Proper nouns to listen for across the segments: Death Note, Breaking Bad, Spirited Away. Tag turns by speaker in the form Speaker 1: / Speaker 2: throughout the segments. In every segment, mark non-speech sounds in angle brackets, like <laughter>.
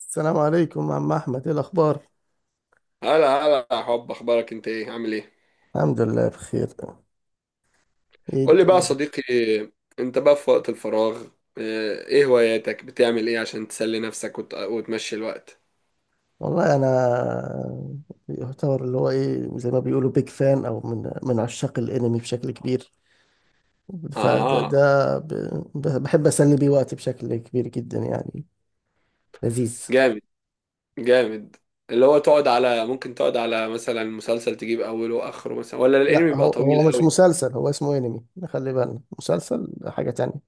Speaker 1: السلام عليكم عم أحمد، إيه الأخبار؟
Speaker 2: هلا هلا يا حب، اخبارك انت؟ ايه عامل ايه؟
Speaker 1: الحمد لله بخير. إيه
Speaker 2: قول لي بقى يا
Speaker 1: الدنيا؟
Speaker 2: صديقي، انت بقى في وقت الفراغ، اه، ايه هواياتك؟ بتعمل ايه عشان تسلي نفسك وتمشي الوقت؟
Speaker 1: والله أنا يعتبر اللي هو إيه زي ما بيقولوا بيج فان أو من عشاق الأنمي بشكل كبير. فده
Speaker 2: اه،
Speaker 1: ده ب- ب- بحب أسلي بيه وقتي بشكل كبير جدا يعني. لذيذ.
Speaker 2: جامد. جامد. اللي هو تقعد على، ممكن تقعد على مثلا مسلسل تجيب اوله واخره، مثلا ولا الانمي
Speaker 1: لا،
Speaker 2: بيبقى
Speaker 1: هو
Speaker 2: طويل
Speaker 1: هو مش
Speaker 2: قوي؟
Speaker 1: مسلسل، هو اسمه أنمي، خلي بالنا مسلسل حاجة تانية.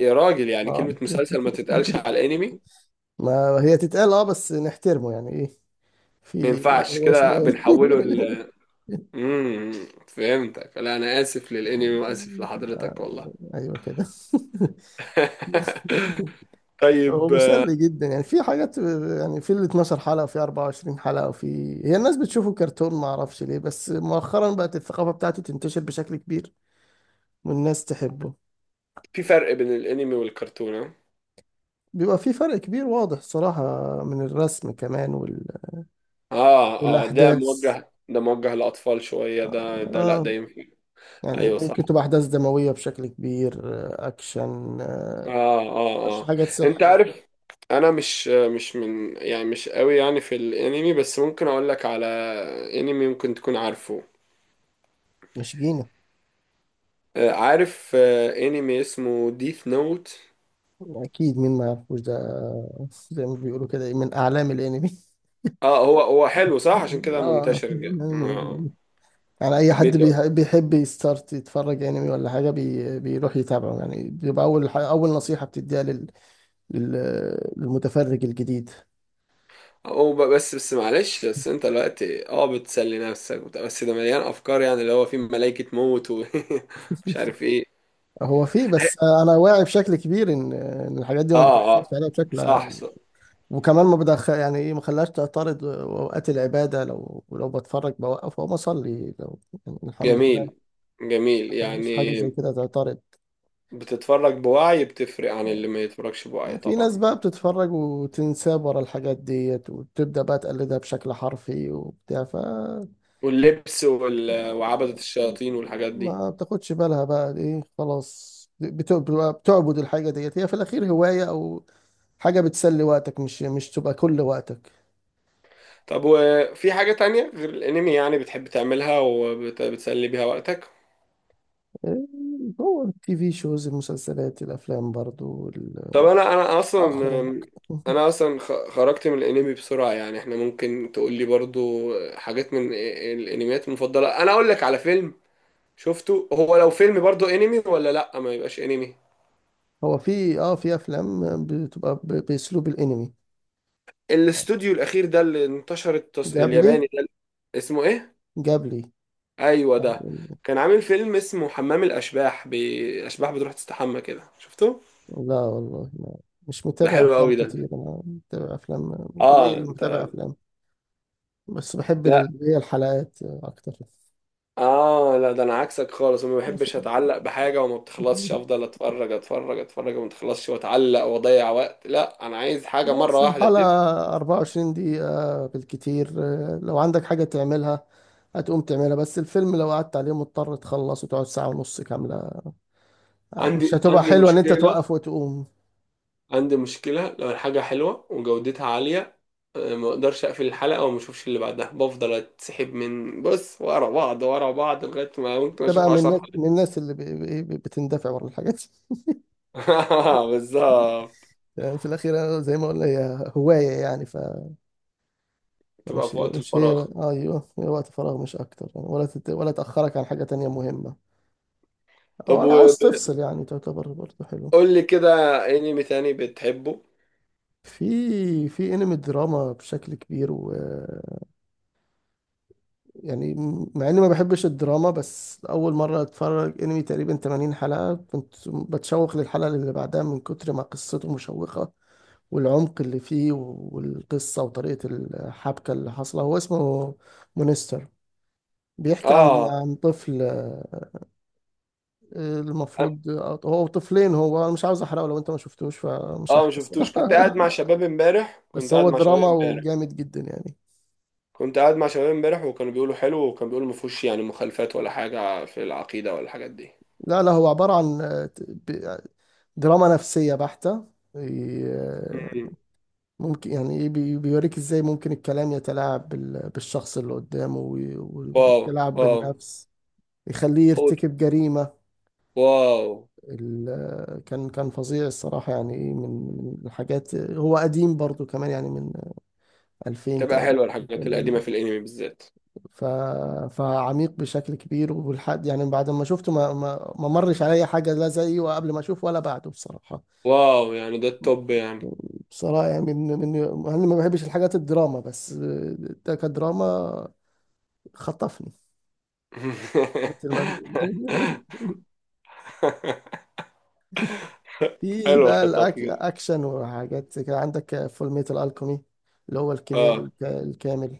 Speaker 2: يا راجل، يعني
Speaker 1: آه.
Speaker 2: كلمة مسلسل ما
Speaker 1: <laughs>
Speaker 2: تتقالش على الانمي؟
Speaker 1: ما هي تتقال آه بس نحترمه يعني إيه.
Speaker 2: ما
Speaker 1: في.
Speaker 2: ينفعش
Speaker 1: هو اسمه
Speaker 2: كده، بنحوله
Speaker 1: أنمي.
Speaker 2: ل
Speaker 1: <laughs>
Speaker 2: امم فهمتك. لا انا اسف للانمي
Speaker 1: آه،
Speaker 2: واسف لحضرتك والله.
Speaker 1: ايوه كده. <laughs>
Speaker 2: <laughs>
Speaker 1: هو
Speaker 2: طيب.
Speaker 1: مسلي جدا يعني في حاجات، يعني في ال 12 حلقة وفي 24 حلقة وفي. هي الناس بتشوفه كرتون، ما اعرفش ليه، بس مؤخرا بقت الثقافة بتاعته تنتشر بشكل كبير والناس تحبه.
Speaker 2: في فرق بين الانمي والكرتون؟ ها؟
Speaker 1: بيبقى في فرق كبير واضح صراحة، من الرسم كمان وال...
Speaker 2: اه اه، ده
Speaker 1: والأحداث.
Speaker 2: موجه، ده موجه للاطفال شويه،
Speaker 1: آه.
Speaker 2: ده ده لا،
Speaker 1: آه،
Speaker 2: ده ينفع.
Speaker 1: يعني
Speaker 2: ايوه صح.
Speaker 1: ممكن تبقى أحداث دموية بشكل كبير، أكشن.
Speaker 2: اه اه
Speaker 1: مش
Speaker 2: اه.
Speaker 1: حاجات
Speaker 2: انت
Speaker 1: سحر.
Speaker 2: عارف، انا مش من، يعني مش قوي يعني في الانمي، بس ممكن اقول لك على انمي ممكن تكون عارفه.
Speaker 1: مش جيني.
Speaker 2: آه، عارف. آه، انمي اسمه ديث نوت.
Speaker 1: اكيد مين ما يعرفوش ده، زي ما بيقولوا كده إيه، من اعلام الانمي.
Speaker 2: اه، هو هو حلو، صح، عشان كده
Speaker 1: اه. <laughs>
Speaker 2: منتشر جدا. آه، آه.
Speaker 1: يعني يعني اي حد
Speaker 2: حبيته.
Speaker 1: بيح- بيحب يستارت يتفرج انمي ولا حاجه بي... بيروح يتابعه، يعني بيبقى اول ح... اول نصيحه بتديها لل... لل... للمتفرج الجديد.
Speaker 2: هو ب- بس بس معلش، بس انت دلوقتي اه بتسلي نفسك وبتاع، بس ده مليان افكار، يعني اللي هو فيه ملائكة موت ومش <laughs> عارف ايه.
Speaker 1: هو فيه بس. انا واعي بشكل كبير ان الحاجات دي ما
Speaker 2: اه
Speaker 1: بتاثرش
Speaker 2: اه،
Speaker 1: عليا بشكل.
Speaker 2: صح صح.
Speaker 1: وكمان ما بدخل يعني ايه، ما خلاش تعترض اوقات العباده، لو بتفرج بوقف او بصلي لو. يعني الحمد لله،
Speaker 2: جميل، جميل
Speaker 1: ما خلاش حاجه
Speaker 2: يعني.
Speaker 1: زي كده تعترض.
Speaker 2: بتتفرج بوعي، بتفرق عن اللي ما يتفرجش بوعي
Speaker 1: في ناس
Speaker 2: طبعا.
Speaker 1: بقى بتتفرج وتنساه ورا الحاجات ديت وتبدأ بقى تقلدها بشكل حرفي وبتاع ف.
Speaker 2: واللبس وعبدة الشياطين والحاجات دي.
Speaker 1: ما بتاخدش بالها بقى ايه، خلاص بت- بتبقى بتعبد الحاجة ديت، هي في الأخير هواية أو حاجة بتسلي وقتك، مش تبقى كل وقتك.
Speaker 2: طب وفي حاجة تانية غير الانمي يعني بتحب تعملها وبتسلي بيها وقتك؟
Speaker 1: إيه، هو التي في شوز المسلسلات الأفلام برضو
Speaker 2: طب
Speaker 1: ال-
Speaker 2: انا انا اصلا
Speaker 1: أخرج.
Speaker 2: انا
Speaker 1: <laughs>
Speaker 2: اصلا خ- خرجت من الانمي بسرعه، يعني احنا ممكن تقول لي برضو حاجات من الانميات المفضله. انا اقول لك على فيلم شفته، هو لو فيلم برضو انمي ولا لا ما يبقاش انمي؟
Speaker 1: هو في في أفلام بتبقى ب- بأسلوب الأنمي.
Speaker 2: الاستوديو الاخير ده اللي انتشر،
Speaker 1: جاب لي.
Speaker 2: الياباني ده اسمه ايه؟
Speaker 1: جاب
Speaker 2: ايوه ده.
Speaker 1: لي.
Speaker 2: كان عامل فيلم اسمه حمام الاشباح، اشباح بتروح تستحمى كده، شفته؟
Speaker 1: لا والله ما. مش
Speaker 2: ده
Speaker 1: متابع
Speaker 2: حلو
Speaker 1: افلام
Speaker 2: قوي ده.
Speaker 1: كتير، انا متابع افلام قليل
Speaker 2: اه
Speaker 1: اللي
Speaker 2: انت،
Speaker 1: متابع افلام. بس بحب
Speaker 2: لا
Speaker 1: ال- هي الحلقات اكتر.
Speaker 2: اه لا، ده انا عكسك خالص. وما
Speaker 1: ماشي.
Speaker 2: بحبش اتعلق بحاجه وما بتخلصش، افضل اتفرج اتفرج اتفرج وما تخلصش واتعلق واضيع وقت. لا انا عايز حاجه مره
Speaker 1: خلاص
Speaker 2: واحده دب.
Speaker 1: الحلقة 24 دقيقة بالكتير، لو عندك حاجة تعملها هتقوم تعملها. بس الفيلم لو قعدت عليه مضطر تخلص وتقعد ساعة ونص كاملة، مش
Speaker 2: عندي
Speaker 1: هتبقى
Speaker 2: عندي
Speaker 1: حلوة ان انت
Speaker 2: مشكله.
Speaker 1: توقف وتقوم.
Speaker 2: عندي مشكله لو الحاجه حلوه وجودتها عاليه، آه، ما اقدرش اقفل الحلقه وما اشوفش اللي بعدها، بفضل اتسحب من بص ورا بعض ورا بعض لغايه ما ممكن
Speaker 1: انت
Speaker 2: اشوف
Speaker 1: بقى من
Speaker 2: 10
Speaker 1: الناس من
Speaker 2: حلقات.
Speaker 1: الناس اللي ب- ب- بتندفع ورا الحاجات. <laughs>
Speaker 2: <laughs> بالظبط.
Speaker 1: في الاخير زي ما قلنا هي هواية يعني،
Speaker 2: تبقى
Speaker 1: مش
Speaker 2: في وقت
Speaker 1: مش هي،
Speaker 2: الفراغ.
Speaker 1: ايوه هي وقت فراغ مش اكتر يعني، ولا تت... ولا تاخرك عن حاجه تانية مهمه،
Speaker 2: طب
Speaker 1: ولا
Speaker 2: وقول
Speaker 1: عاوز تفصل يعني، تعتبر برضه حلو.
Speaker 2: لي كده، انمي تاني بتحبه؟
Speaker 1: في انمي دراما بشكل كبير و يعني، مع اني ما بحبش الدراما بس اول مره اتفرج انمي تقريبا 80 حلقه، كنت بتشوق للحلقه اللي بعدها من كتر ما قصته مشوقه، والعمق اللي فيه والقصه وطريقه الحبكه اللي حاصله. هو اسمه مونستر. بيحكي عن
Speaker 2: اه
Speaker 1: عن طفل، المفروض هو طفلين. هو انا مش عاوز احرقه، لو انت ما شفتوش فمش
Speaker 2: اه، ما
Speaker 1: هحكي الصراحة.
Speaker 2: شفتوش. كنت
Speaker 1: <laughs>
Speaker 2: قاعد مع شباب امبارح كنت
Speaker 1: بس
Speaker 2: قاعد
Speaker 1: هو
Speaker 2: مع شباب
Speaker 1: دراما
Speaker 2: امبارح
Speaker 1: وجامد جدا يعني.
Speaker 2: كنت قاعد مع شباب امبارح، وكانوا بيقولوا حلو وكانوا بيقولوا ما فيهوش يعني مخالفات ولا حاجة في العقيدة ولا الحاجات دي.
Speaker 1: لا لا، هو عبارة عن دراما نفسية بحتة. آه،
Speaker 2: مم.
Speaker 1: ممكن يعني إيه بي- بيوريك ازاي ممكن الكلام يتلاعب بال- بالشخص اللي قدامه وي- و-
Speaker 2: واو.
Speaker 1: والتلاعب
Speaker 2: واو.
Speaker 1: بالنفس، يخليه
Speaker 2: قوت.
Speaker 1: يرتكب جريمة.
Speaker 2: واو.
Speaker 1: كان فظيع الصراحة يعني إيه، من من الحاجات. هو قديم برضو كمان، يعني من 2000
Speaker 2: تبقى حلوة الحاجات القديمة
Speaker 1: تقريبا.
Speaker 2: في الانمي بالذات.
Speaker 1: ف... فعميق بشكل كبير والحد، يعني بعد ما شفته ما مرش عليا حاجه لا زيه وقبل ما اشوفه ولا بعده بصراحه.
Speaker 2: واو، يعني ده التوب يعني.
Speaker 1: بصراحه يعني من. انا ما بحبش الحاجات الدراما بس ده كدراما خطفني. <laughs> مثل ما بي...
Speaker 2: <laughs>
Speaker 1: <laughs> في
Speaker 2: حلو
Speaker 1: بقى
Speaker 2: خطافي.
Speaker 1: الاكشن وحاجات زي كده، عندك فول ميتال الكومي، اللي هو الكيمياء
Speaker 2: اه
Speaker 1: الك- الكامل.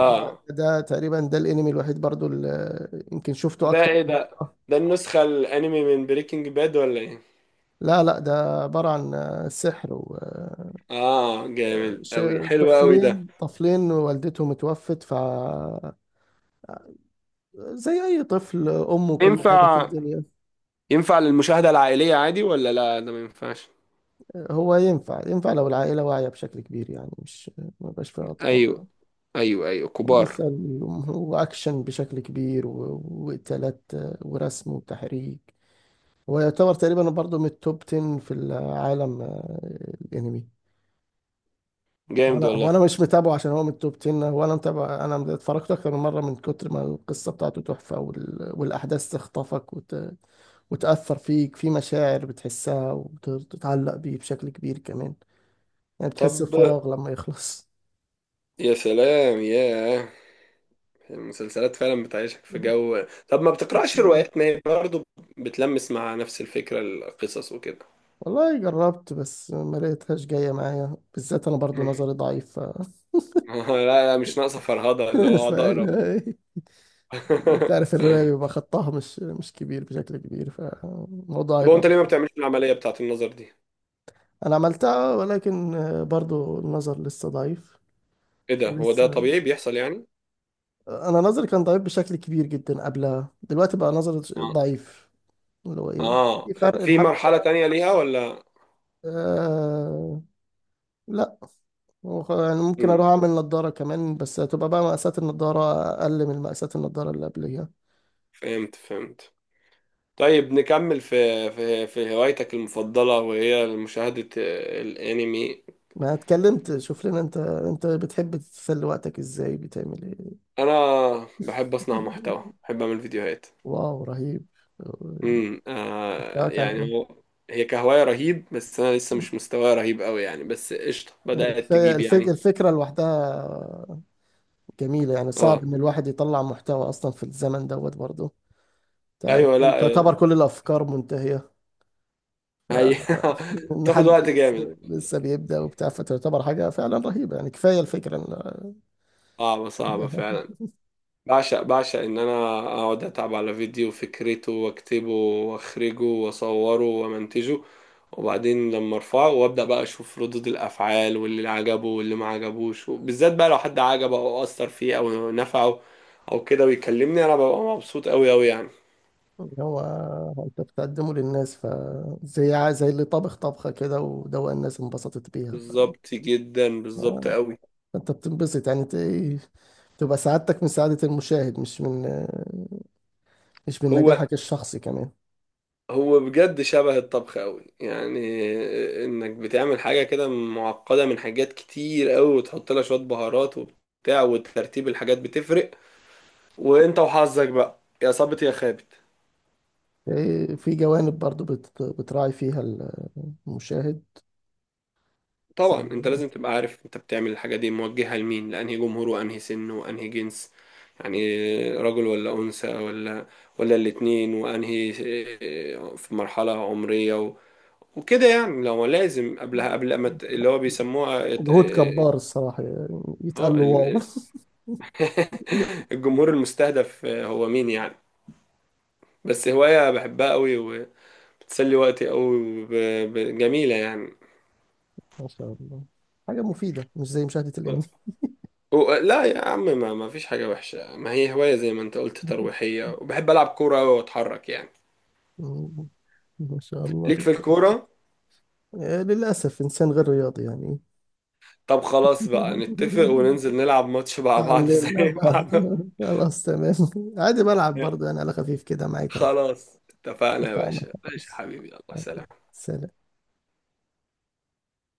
Speaker 1: ده، ده تقريبا ده الانمي الوحيد برضو اللي يمكن شفته
Speaker 2: ده
Speaker 1: اكتر
Speaker 2: ايه
Speaker 1: من
Speaker 2: ده؟
Speaker 1: مرة.
Speaker 2: ده النسخة الانمي من بريكنج باد ولا ايه؟
Speaker 1: لا لا، ده عبارة عن سحر و
Speaker 2: اه جامد
Speaker 1: ش-
Speaker 2: قوي، حلو قوي ده.
Speaker 1: طفلين والدته متوفت ف زي أي طفل أمه كل حاجة في
Speaker 2: ينفع،
Speaker 1: الدنيا.
Speaker 2: ينفع للمشاهدة العائلية عادي، ولا لا ده ما ينفعش؟
Speaker 1: هو ينفع لو العائلة واعية بشكل كبير، يعني مش ما بقاش فيها أطفال.
Speaker 2: ايوه، ايوه ايوه، كبار.
Speaker 1: مسلي وأكشن بشكل كبير و- وقتالات، ورسم وتحريك. ويعتبر تقريبا برضه من التوب 10 في العالم، الأنمي. هو
Speaker 2: جامد
Speaker 1: انا هو
Speaker 2: والله.
Speaker 1: انا مش متابعه عشان هو من التوب 10، هو انا متابع، انا اتفرجت اكتر من مره من كتر ما القصه بتاعته تحفه وال... والاحداث تخطفك وت... وتاثر فيك في مشاعر بتحسها وتتعلق بيه بشكل كبير كمان، يعني بتحس
Speaker 2: طب
Speaker 1: بفراغ لما يخلص.
Speaker 2: يا سلام يا، المسلسلات فعلا بتعيشك في
Speaker 1: <laughs>
Speaker 2: جو. طب ما بتقرأش
Speaker 1: أسمع.
Speaker 2: روايات؟ ما هي برضه بتلمس مع نفس الفكرة، القصص وكده.
Speaker 1: والله جربت بس ما لقيتهاش جايه معايا، بالذات انا برضو نظري
Speaker 2: <laughs>
Speaker 1: ضعيف ف...
Speaker 2: لا لا، مش ناقصة فرهضة اللي هو
Speaker 1: <laughs> ف...
Speaker 2: اقعد اقرا.
Speaker 1: انت عارف الروايه بيبقى
Speaker 2: <laughs>
Speaker 1: خطها مش كبير بشكل كبير، فالموضوع
Speaker 2: طب هو
Speaker 1: هيبقى.
Speaker 2: انت ليه ما بتعملش العملية بتاعت النظر دي؟
Speaker 1: انا عملتها ولكن برضو النظر لسه ضعيف.
Speaker 2: ايه ده؟ هو ده
Speaker 1: لسه
Speaker 2: طبيعي بيحصل يعني؟
Speaker 1: انا نظري كان ضعيف بشكل كبير جدا قبلها، دلوقتي بقى نظري
Speaker 2: اه،
Speaker 1: ضعيف اللي هو ايه،
Speaker 2: آه.
Speaker 1: في فرق
Speaker 2: في
Speaker 1: الحمد
Speaker 2: مرحلة
Speaker 1: لله.
Speaker 2: تانية ليها ولا؟
Speaker 1: آه. لا. هو خ- يعني ممكن
Speaker 2: مم.
Speaker 1: اروح اعمل نضارة كمان، بس هتبقى بقى مقاسات النضارة اقل من مقاسات النضارة اللي قبليها.
Speaker 2: فهمت فهمت. طيب نكمل في، في في هوايتك المفضلة، وهي مشاهدة الأنمي.
Speaker 1: ما اتكلمت شوف لنا، انت بتحب تسلي وقتك ازاي، بتعمل ايه؟
Speaker 2: أنا بحب أصنع محتوى،
Speaker 1: <laughs>
Speaker 2: بحب أعمل فيديوهات.
Speaker 1: واو رهيب. آه،
Speaker 2: آه
Speaker 1: بتاعك عن
Speaker 2: يعني، هو هي كهواية رهيب، بس أنا لسه مش مستواي رهيب أوي يعني، بس قشطة،
Speaker 1: ايه.
Speaker 2: بدأت
Speaker 1: كفاية
Speaker 2: تجيب
Speaker 1: الفك...
Speaker 2: يعني.
Speaker 1: الفكرة لوحدها جميلة، يعني صعب
Speaker 2: اه،
Speaker 1: إن الواحد يطلع محتوى أصلا في الزمن دوت برضه، تعرف
Speaker 2: أيوة
Speaker 1: كل-
Speaker 2: لا،
Speaker 1: تعتبر كل الأفكار منتهية.
Speaker 2: هي <laughs>
Speaker 1: إن
Speaker 2: تاخد
Speaker 1: حد
Speaker 2: وقت جامد.
Speaker 1: لسه بيبدأ وبتاع، فتعتبر حاجة فعلا رهيبة، يعني كفاية الفكرة إن
Speaker 2: صعبة، صعبة
Speaker 1: وحدها.
Speaker 2: فعلا. بعشق، بعشق إن أنا أقعد أتعب على فيديو، فكرته وأكتبه وأخرجه وأصوره وأمنتجه، وبعدين لما ارفعه وابدا بقى اشوف ردود الافعال واللي عجبه واللي ما عجبوش، وبالذات بقى لو حد عجبه او اثر فيه او نفعه او كده ويكلمني، انا ببقى مبسوط قوي قوي يعني.
Speaker 1: إن، <laughs> هو، أنت بتقدمه للناس، فزي ع- زي اللي طبخ طبخة كده ودوق الناس انبسطت بيها،
Speaker 2: بالظبط جدا، بالظبط قوي.
Speaker 1: فأنت بتنبسط يعني ت- تبقى سعادتك من سعادة المشاهد، مش من
Speaker 2: هو
Speaker 1: نجاحك الشخصي كمان.
Speaker 2: هو بجد شبه الطبخ قوي، يعني انك بتعمل حاجه كده معقده من حاجات كتير قوي، وتحط لها شويه بهارات وبتاع، وترتيب الحاجات بتفرق، وانت وحظك بقى يا صابت يا خابت.
Speaker 1: إيه، في جوانب برضو بت- بتراعي فيها المشاهد.
Speaker 2: طبعا انت لازم تبقى عارف انت بتعمل الحاجة دي موجهة لمين، لأنهي جمهور وأنهي سن وأنهي جنس، يعني رجل ولا أنثى ولا، ولا الاتنين، وأنهي آه، في مرحلة عمرية وكده يعني. لو لازم قبلها، قبل ما اللي هو بيسموها
Speaker 1: مجهود
Speaker 2: اه،
Speaker 1: كبار الصراحة، يعني
Speaker 2: آه،
Speaker 1: يتقال له واو. <laughs>
Speaker 2: <laughs> الجمهور المستهدف، آه، هو مين يعني. بس هواية بحبها قوي، وبتسلي وقتي قوي، وب- ب- جميلة يعني.
Speaker 1: ما شاء الله حاجة مفيدة، مش زي مشاهدة الأنمي.
Speaker 2: لا يا عم، ما فيش حاجة وحشة، ما هي هواية زي ما انت قلت
Speaker 1: <laughs>
Speaker 2: ترويحية. وبحب ألعب كورة أوي وأتحرك يعني.
Speaker 1: ما شاء الله.
Speaker 2: ليك في الكورة؟
Speaker 1: للأسف إنسان غير رياضي يعني.
Speaker 2: طب خلاص بقى، نتفق
Speaker 1: <laughs>
Speaker 2: وننزل نلعب ماتش مع بعض <laughs> زي
Speaker 1: تعلمنا بقى. <laughs>
Speaker 2: بعض.
Speaker 1: خلاص تمام، عادي بلعب برضه يعني على خفيف كده معاك عادي.
Speaker 2: خلاص اتفقنا يا
Speaker 1: اتفقنا.
Speaker 2: باشا، ماشي يا
Speaker 1: خلاص.
Speaker 2: حبيبي، الله، سلام.
Speaker 1: سلام.